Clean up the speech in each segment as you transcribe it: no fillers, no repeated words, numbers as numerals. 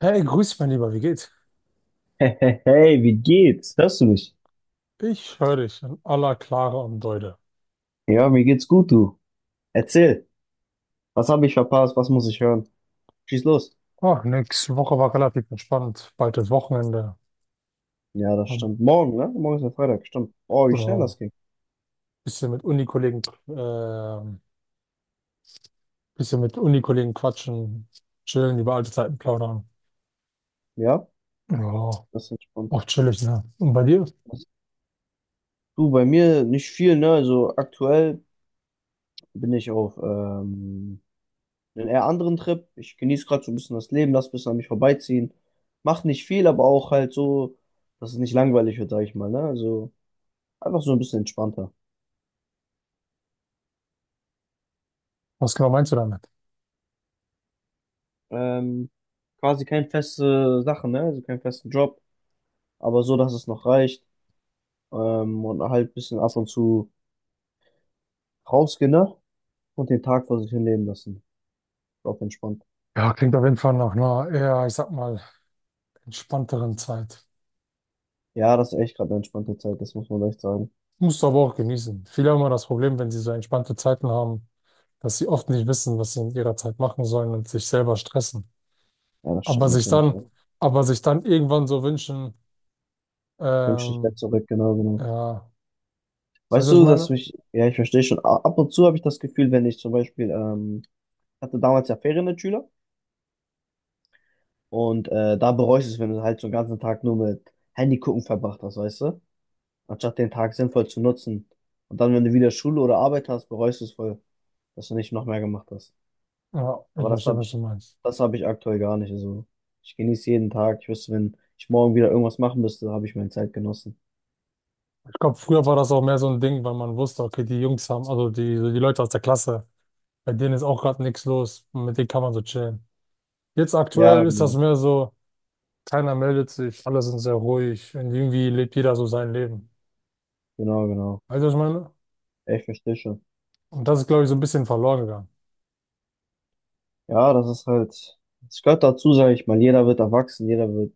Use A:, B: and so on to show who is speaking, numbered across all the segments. A: Hey, grüß mein Lieber, wie geht's?
B: Hey, hey, hey, wie geht's? Hörst du mich?
A: Ich höre dich in aller Klare und Deute.
B: Ja, mir geht's gut, du. Erzähl. Was habe ich verpasst? Was muss ich hören? Schieß los.
A: Ach, nix. Woche war relativ entspannt. Bald das Wochenende.
B: Ja, das
A: Hab,
B: stimmt. Morgen, ne? Morgen ist ja Freitag, stimmt. Oh, wie schnell das
A: ja,
B: ging.
A: bisschen mit ähm, Unikollegen quatschen, chillen, über alte Zeiten plaudern.
B: Ja,
A: Ja,
B: das ist entspannt.
A: auch chillig, ne? Und bei dir?
B: Du, bei mir nicht viel, ne? Also aktuell bin ich auf einem eher anderen Trip. Ich genieße gerade so ein bisschen das Leben, lass ein bisschen an mich vorbeiziehen. Macht nicht viel, aber auch halt so, dass es nicht langweilig wird, sag ich mal, ne? Also einfach so ein bisschen entspannter.
A: Was genau meinst du damit?
B: Ähm, quasi keine feste Sache, ne? Also keinen festen Job, aber so, dass es noch reicht. Und halt ein bisschen ab und zu rausgehen, ne? Und den Tag vor sich hinleben lassen. Auf entspannt.
A: Ja, klingt auf jeden Fall nach einer eher, ich sag mal, entspannteren Zeit.
B: Ja, das ist echt gerade eine entspannte Zeit, das muss man echt sagen.
A: Musst du aber auch genießen. Viele haben immer das Problem, wenn sie so entspannte Zeiten haben, dass sie oft nicht wissen, was sie in ihrer Zeit machen sollen und sich selber stressen.
B: Ja, das
A: Aber
B: stimmt
A: sich
B: natürlich,
A: dann,
B: ja. Ich
A: aber sich dann irgendwann so wünschen,
B: wünsche dich wäre
A: ähm,
B: zurück, genau, genau.
A: ja, weißt
B: Weißt
A: du, was ich
B: du, dass
A: meine?
B: mich, ja, ich verstehe schon, ab und zu habe ich das Gefühl, wenn ich zum Beispiel, hatte damals ja Ferien als Schüler und da bereust du es, wenn du halt so einen ganzen Tag nur mit Handy gucken verbracht hast, weißt du? Anstatt den Tag sinnvoll zu nutzen. Und dann, wenn du wieder Schule oder Arbeit hast, bereust du es voll, dass du nicht noch mehr gemacht hast.
A: Ja, ich
B: Aber
A: verstehe, was du meinst.
B: das habe ich aktuell gar nicht. Also ich genieße jeden Tag. Ich wüsste, wenn ich morgen wieder irgendwas machen müsste, habe ich meine Zeit genossen.
A: Ich glaube, früher war das auch mehr so ein Ding, weil man wusste, okay, die Jungs haben, also die Leute aus der Klasse, bei denen ist auch gerade nichts los, mit denen kann man so chillen. Jetzt
B: Ja,
A: aktuell ist das
B: genau.
A: mehr so, keiner meldet sich, alle sind sehr ruhig und irgendwie lebt jeder so sein Leben.
B: Genau, genau.
A: Weißt du, was ich meine?
B: Ja, ich verstehe schon.
A: Und das ist, glaube ich, so ein bisschen verloren gegangen.
B: Ja, das ist halt, es gehört dazu, sage ich mal. Jeder wird erwachsen, jeder wird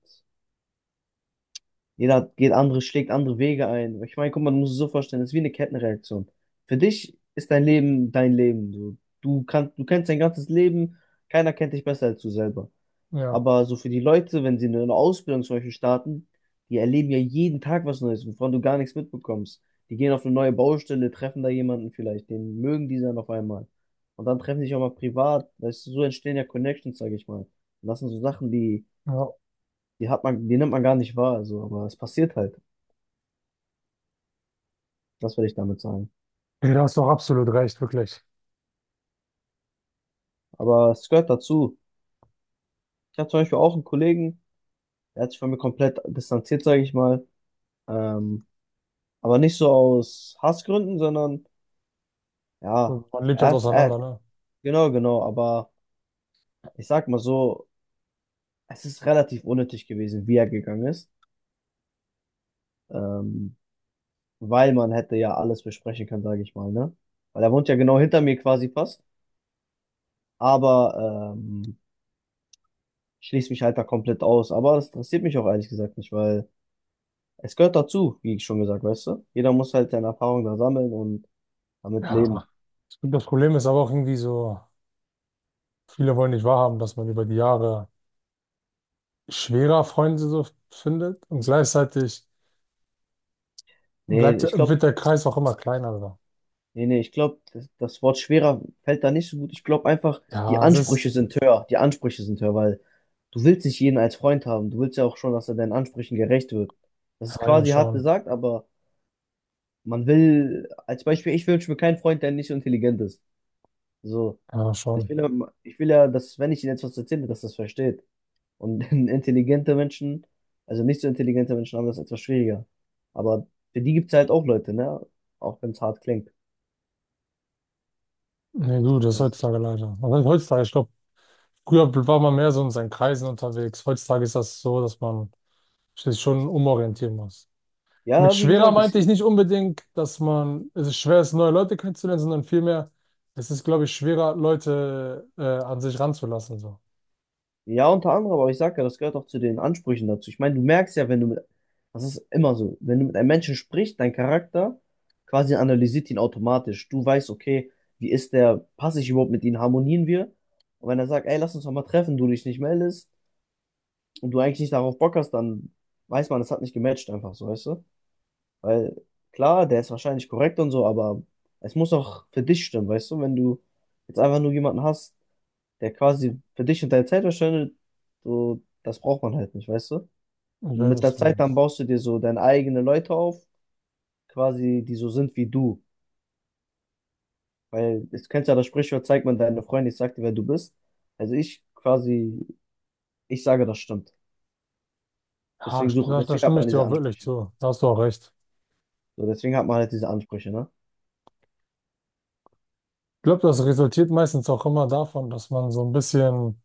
B: Jeder geht andere, schlägt andere Wege ein. Ich meine, guck mal, du musst es so vorstellen, es ist wie eine Kettenreaktion. Für dich ist dein Leben dein Leben. Du kennst dein ganzes Leben, keiner kennt dich besser als du selber.
A: Ja,
B: Aber so für die Leute, wenn sie eine Ausbildung zum Beispiel starten, die erleben ja jeden Tag was Neues, wovon du gar nichts mitbekommst. Die gehen auf eine neue Baustelle, treffen da jemanden vielleicht, den mögen die dann auf einmal. Und dann treffen sie sich auch mal privat. Weißt du, so entstehen ja Connections, sage ich mal. Und das sind so Sachen,
A: ja.
B: die hat man, die nimmt man gar nicht wahr, so, aber es passiert halt. Das würde ich damit sagen.
A: Ey, da hast du auch absolut recht, wirklich.
B: Aber es gehört dazu. Ich habe zum Beispiel auch einen Kollegen, der hat sich von mir komplett distanziert, sage ich mal. Ähm, aber nicht so aus Hassgründen, sondern ja,
A: So, man lebt
B: er
A: halt
B: hat, er,
A: auseinander, ne?
B: genau, genau. Aber ich sag mal so, es ist relativ unnötig gewesen, wie er gegangen ist. Ähm, Weil man hätte ja alles besprechen können, sage ich mal, ne? Weil er wohnt ja genau hinter mir quasi fast. Aber schließt mich halt da komplett aus. Aber das interessiert mich auch ehrlich gesagt nicht, weil es gehört dazu, wie ich schon gesagt, weißt du? Jeder muss halt seine Erfahrungen da sammeln und damit
A: Ja.
B: leben.
A: Ich glaub, das Problem ist aber auch irgendwie so, viele wollen nicht wahrhaben, dass man über die Jahre schwerer Freunde so findet und gleichzeitig
B: Nee,
A: bleibt,
B: ich glaube,
A: wird der Kreis auch immer kleiner. Also.
B: ich glaube, das Wort schwerer fällt da nicht so gut. Ich glaube einfach, die
A: Ja, es
B: Ansprüche
A: ist
B: sind höher. Die Ansprüche sind höher, weil du willst nicht jeden als Freund haben. Du willst ja auch schon, dass er deinen Ansprüchen gerecht wird. Das
A: ja,
B: ist
A: eigentlich
B: quasi hart
A: schon.
B: gesagt, aber man will, als Beispiel, ich wünsche mir keinen Freund, der nicht so intelligent ist. So.
A: Ja,
B: Ich
A: schon.
B: will, ich will ja, dass, wenn ich ihm etwas erzähle, dass er das versteht. Und intelligente Menschen, also nicht so intelligente Menschen haben das etwas schwieriger. Aber für die gibt es halt auch Leute, ne? Auch wenn es hart klingt.
A: Nee, du, das ist
B: Das-
A: heutzutage leider. Was heißt heutzutage? Ich glaube, früher war man mehr so in seinen Kreisen unterwegs. Heutzutage ist das so, dass man sich schon umorientieren muss. Mit
B: ja, wie
A: schwerer
B: gesagt, das,
A: meinte ich nicht unbedingt, dass man, es ist schwer ist, neue Leute kennenzulernen, sondern vielmehr, es ist, glaube ich, schwerer, Leute an sich ranzulassen. So.
B: ja, unter anderem, aber ich sag ja, das gehört auch zu den Ansprüchen dazu. Ich meine, du merkst ja, wenn du mit, das ist immer so, wenn du mit einem Menschen sprichst, dein Charakter quasi analysiert ihn automatisch. Du weißt, okay, wie ist der, passe ich überhaupt mit ihm, harmonieren wir? Und wenn er sagt, ey, lass uns doch mal treffen, du dich nicht meldest und du eigentlich nicht darauf Bock hast, dann weiß man, es hat nicht gematcht einfach so, weißt du? Weil klar, der ist wahrscheinlich korrekt und so, aber es muss auch für dich stimmen, weißt du? Wenn du jetzt einfach nur jemanden hast, der quasi für dich und deine Zeit verschwendet, so, das braucht man halt nicht, weißt du?
A: Ich
B: Und
A: weiß,
B: mit
A: was
B: der
A: du
B: Zeit dann
A: meinst.
B: baust du dir so deine eigenen Leute auf, quasi, die so sind wie du. Weil, jetzt kennst du ja das Sprichwort, zeigt man deine Freunde, ich sag dir, wer du bist. Also ich quasi, ich sage, das stimmt.
A: Ja, da, da
B: Deswegen hat
A: stimme ich
B: man
A: dir
B: diese
A: auch wirklich
B: Ansprüche.
A: zu. Da hast du auch recht.
B: So, deswegen hat man halt diese Ansprüche, ne?
A: Ich glaube, das resultiert meistens auch immer davon, dass man so ein bisschen,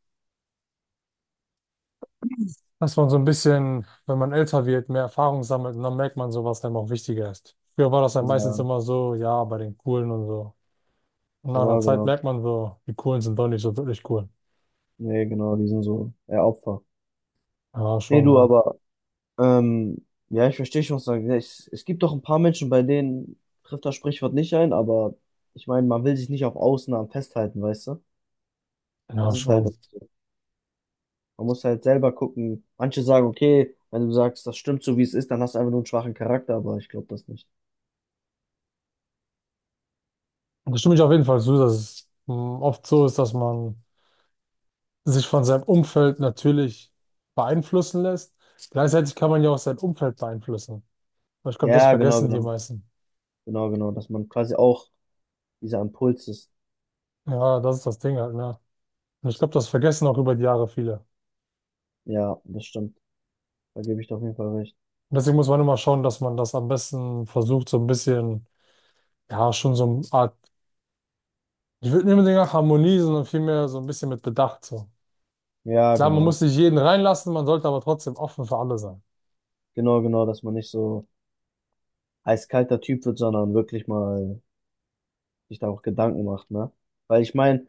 A: dass man so ein bisschen, wenn man älter wird, mehr Erfahrung sammelt und dann merkt man so, was einem auch wichtiger ist. Früher war das ja meistens
B: Ja,
A: immer so, ja, bei den Coolen und so. Und nach einer
B: genau,
A: Zeit
B: genau.
A: merkt man so, die Coolen sind doch nicht so wirklich cool.
B: Nee, genau, die sind so eher Opfer.
A: Ja,
B: Nee,
A: schon,
B: du,
A: ne?
B: aber ja, ich verstehe schon, was du sagst. Ja, es gibt doch ein paar Menschen, bei denen trifft das Sprichwort nicht ein, aber ich meine, man will sich nicht auf Ausnahmen festhalten, weißt du?
A: Ja,
B: Das ist halt
A: schon.
B: so. Man muss halt selber gucken. Manche sagen, okay, wenn du sagst, das stimmt so, wie es ist, dann hast du einfach nur einen schwachen Charakter, aber ich glaube das nicht.
A: Und da stimme ich auf jeden Fall zu, dass es oft so ist, dass man sich von seinem Umfeld natürlich beeinflussen lässt. Gleichzeitig kann man ja auch sein Umfeld beeinflussen. Aber ich glaube, das
B: Ja, genau,
A: vergessen die
B: genau.
A: meisten.
B: Genau, genau. Dass man quasi auch dieser Impuls ist.
A: Ja, das ist das Ding halt, ne? Und ich glaube, das vergessen auch über die Jahre viele.
B: Ja, das stimmt. Da gebe ich dir auf jeden Fall recht.
A: Und deswegen muss man immer schauen, dass man das am besten versucht, so ein bisschen, ja, schon so eine Art, ich würde nicht unbedingt nach Harmonie, sondern vielmehr so ein bisschen mit Bedacht, so.
B: Ja,
A: Klar, man muss
B: genau.
A: nicht jeden reinlassen, man sollte aber trotzdem offen für alle sein.
B: Genau, genau, dass man nicht so eiskalter Typ wird, sondern wirklich mal sich da auch Gedanken macht, ne? Weil ich meine,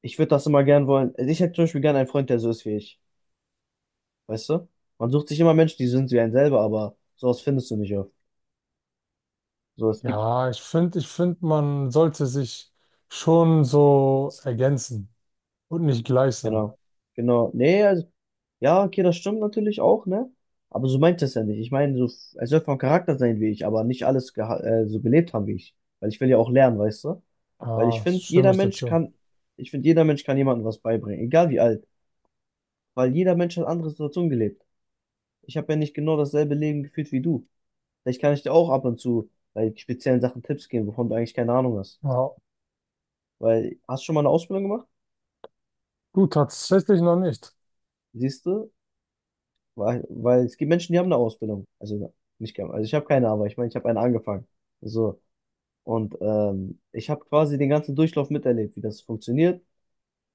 B: ich würde das immer gern wollen. Also ich hätte zum Beispiel gern einen Freund, der so ist wie ich. Weißt du? Man sucht sich immer Menschen, die sind wie einen selber, aber sowas findest du nicht oft. So, es gibt,
A: Ja, ich finde, man sollte sich schon so ergänzen und nicht gleich sein.
B: genau. Genau. Nee, also, ja, okay, das stimmt natürlich auch, ne? Aber so meint es ja nicht. Ich meine, so, er soll vom Charakter sein wie ich, aber nicht alles so gelebt haben wie ich. Weil ich will ja auch lernen, weißt du? Weil
A: Ja, stimme ich dir zu.
B: Ich finde, jeder Mensch kann jemandem was beibringen, egal wie alt. Weil jeder Mensch hat andere Situationen gelebt. Ich habe ja nicht genau dasselbe Leben geführt wie du. Vielleicht kann ich dir auch ab und zu bei speziellen Sachen Tipps geben, wovon du eigentlich keine Ahnung hast.
A: Ja,
B: Weil, hast du schon mal eine Ausbildung gemacht?
A: du tatsächlich noch nicht.
B: Siehst du? Weil es gibt Menschen, die haben eine Ausbildung. Also nicht, gar- also ich habe keine, aber ich meine, ich habe eine angefangen. So. Und ich habe quasi den ganzen Durchlauf miterlebt, wie das funktioniert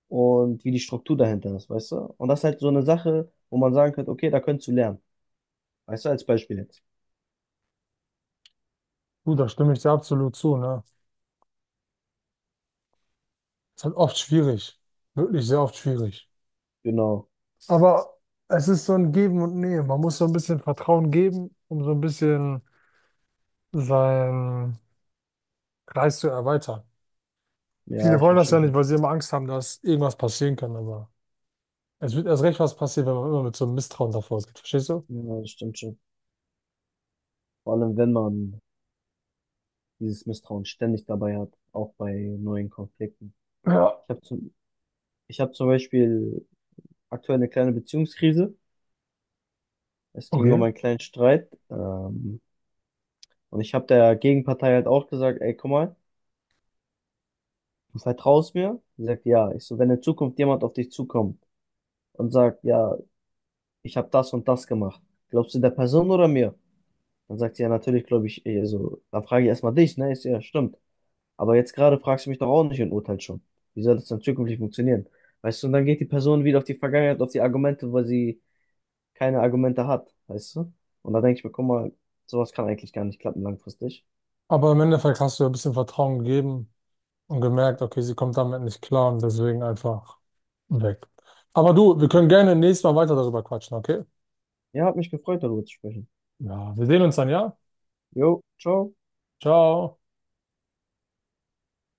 B: und wie die Struktur dahinter ist, weißt du? Und das ist halt so eine Sache, wo man sagen könnte, okay, da könntest du lernen. Weißt du, als Beispiel jetzt.
A: Du, da stimme ich dir absolut zu, ne? Ist halt oft schwierig. Wirklich sehr oft schwierig.
B: Genau.
A: Aber es ist so ein Geben und Nehmen. Man muss so ein bisschen Vertrauen geben, um so ein bisschen seinen Kreis zu erweitern.
B: Ja,
A: Viele
B: ich
A: wollen das
B: verstehe
A: ja nicht,
B: schon.
A: weil sie immer Angst haben, dass irgendwas passieren kann, aber es wird erst recht was passieren, wenn man immer mit so einem Misstrauen davor geht. Verstehst du?
B: Ja, das stimmt schon. Vor allem, wenn man dieses Misstrauen ständig dabei hat, auch bei neuen Konflikten.
A: Ja,
B: Ich habe zum, ich hab zum Beispiel aktuell eine kleine Beziehungskrise. Es ging
A: okay.
B: um einen kleinen Streit. Und ich habe der Gegenpartei halt auch gesagt, ey, guck mal, du vertraust mir? Sie sagt, ja. Ich so, wenn in Zukunft jemand auf dich zukommt und sagt, ja, ich habe das und das gemacht, glaubst du der Person oder mir? Dann sagt sie, ja, natürlich glaube ich, eh, so, dann frage ich erstmal dich, ne? Ich so, ja, stimmt. Aber jetzt gerade fragst du mich doch auch nicht und urteilst schon. Wie soll das dann zukünftig funktionieren? Weißt du, und dann geht die Person wieder auf die Vergangenheit, auf die Argumente, weil sie keine Argumente hat, weißt du? Und da denke ich mir, guck mal, sowas kann eigentlich gar nicht klappen langfristig.
A: Aber im Endeffekt hast du ja ein bisschen Vertrauen gegeben und gemerkt, okay, sie kommt damit nicht klar und deswegen einfach. Weg. Aber du, wir können gerne nächstes Mal weiter darüber quatschen, okay?
B: Ja, hat mich gefreut, darüber zu sprechen.
A: Ja, wir sehen uns dann, ja?
B: Jo, ciao.
A: Ciao.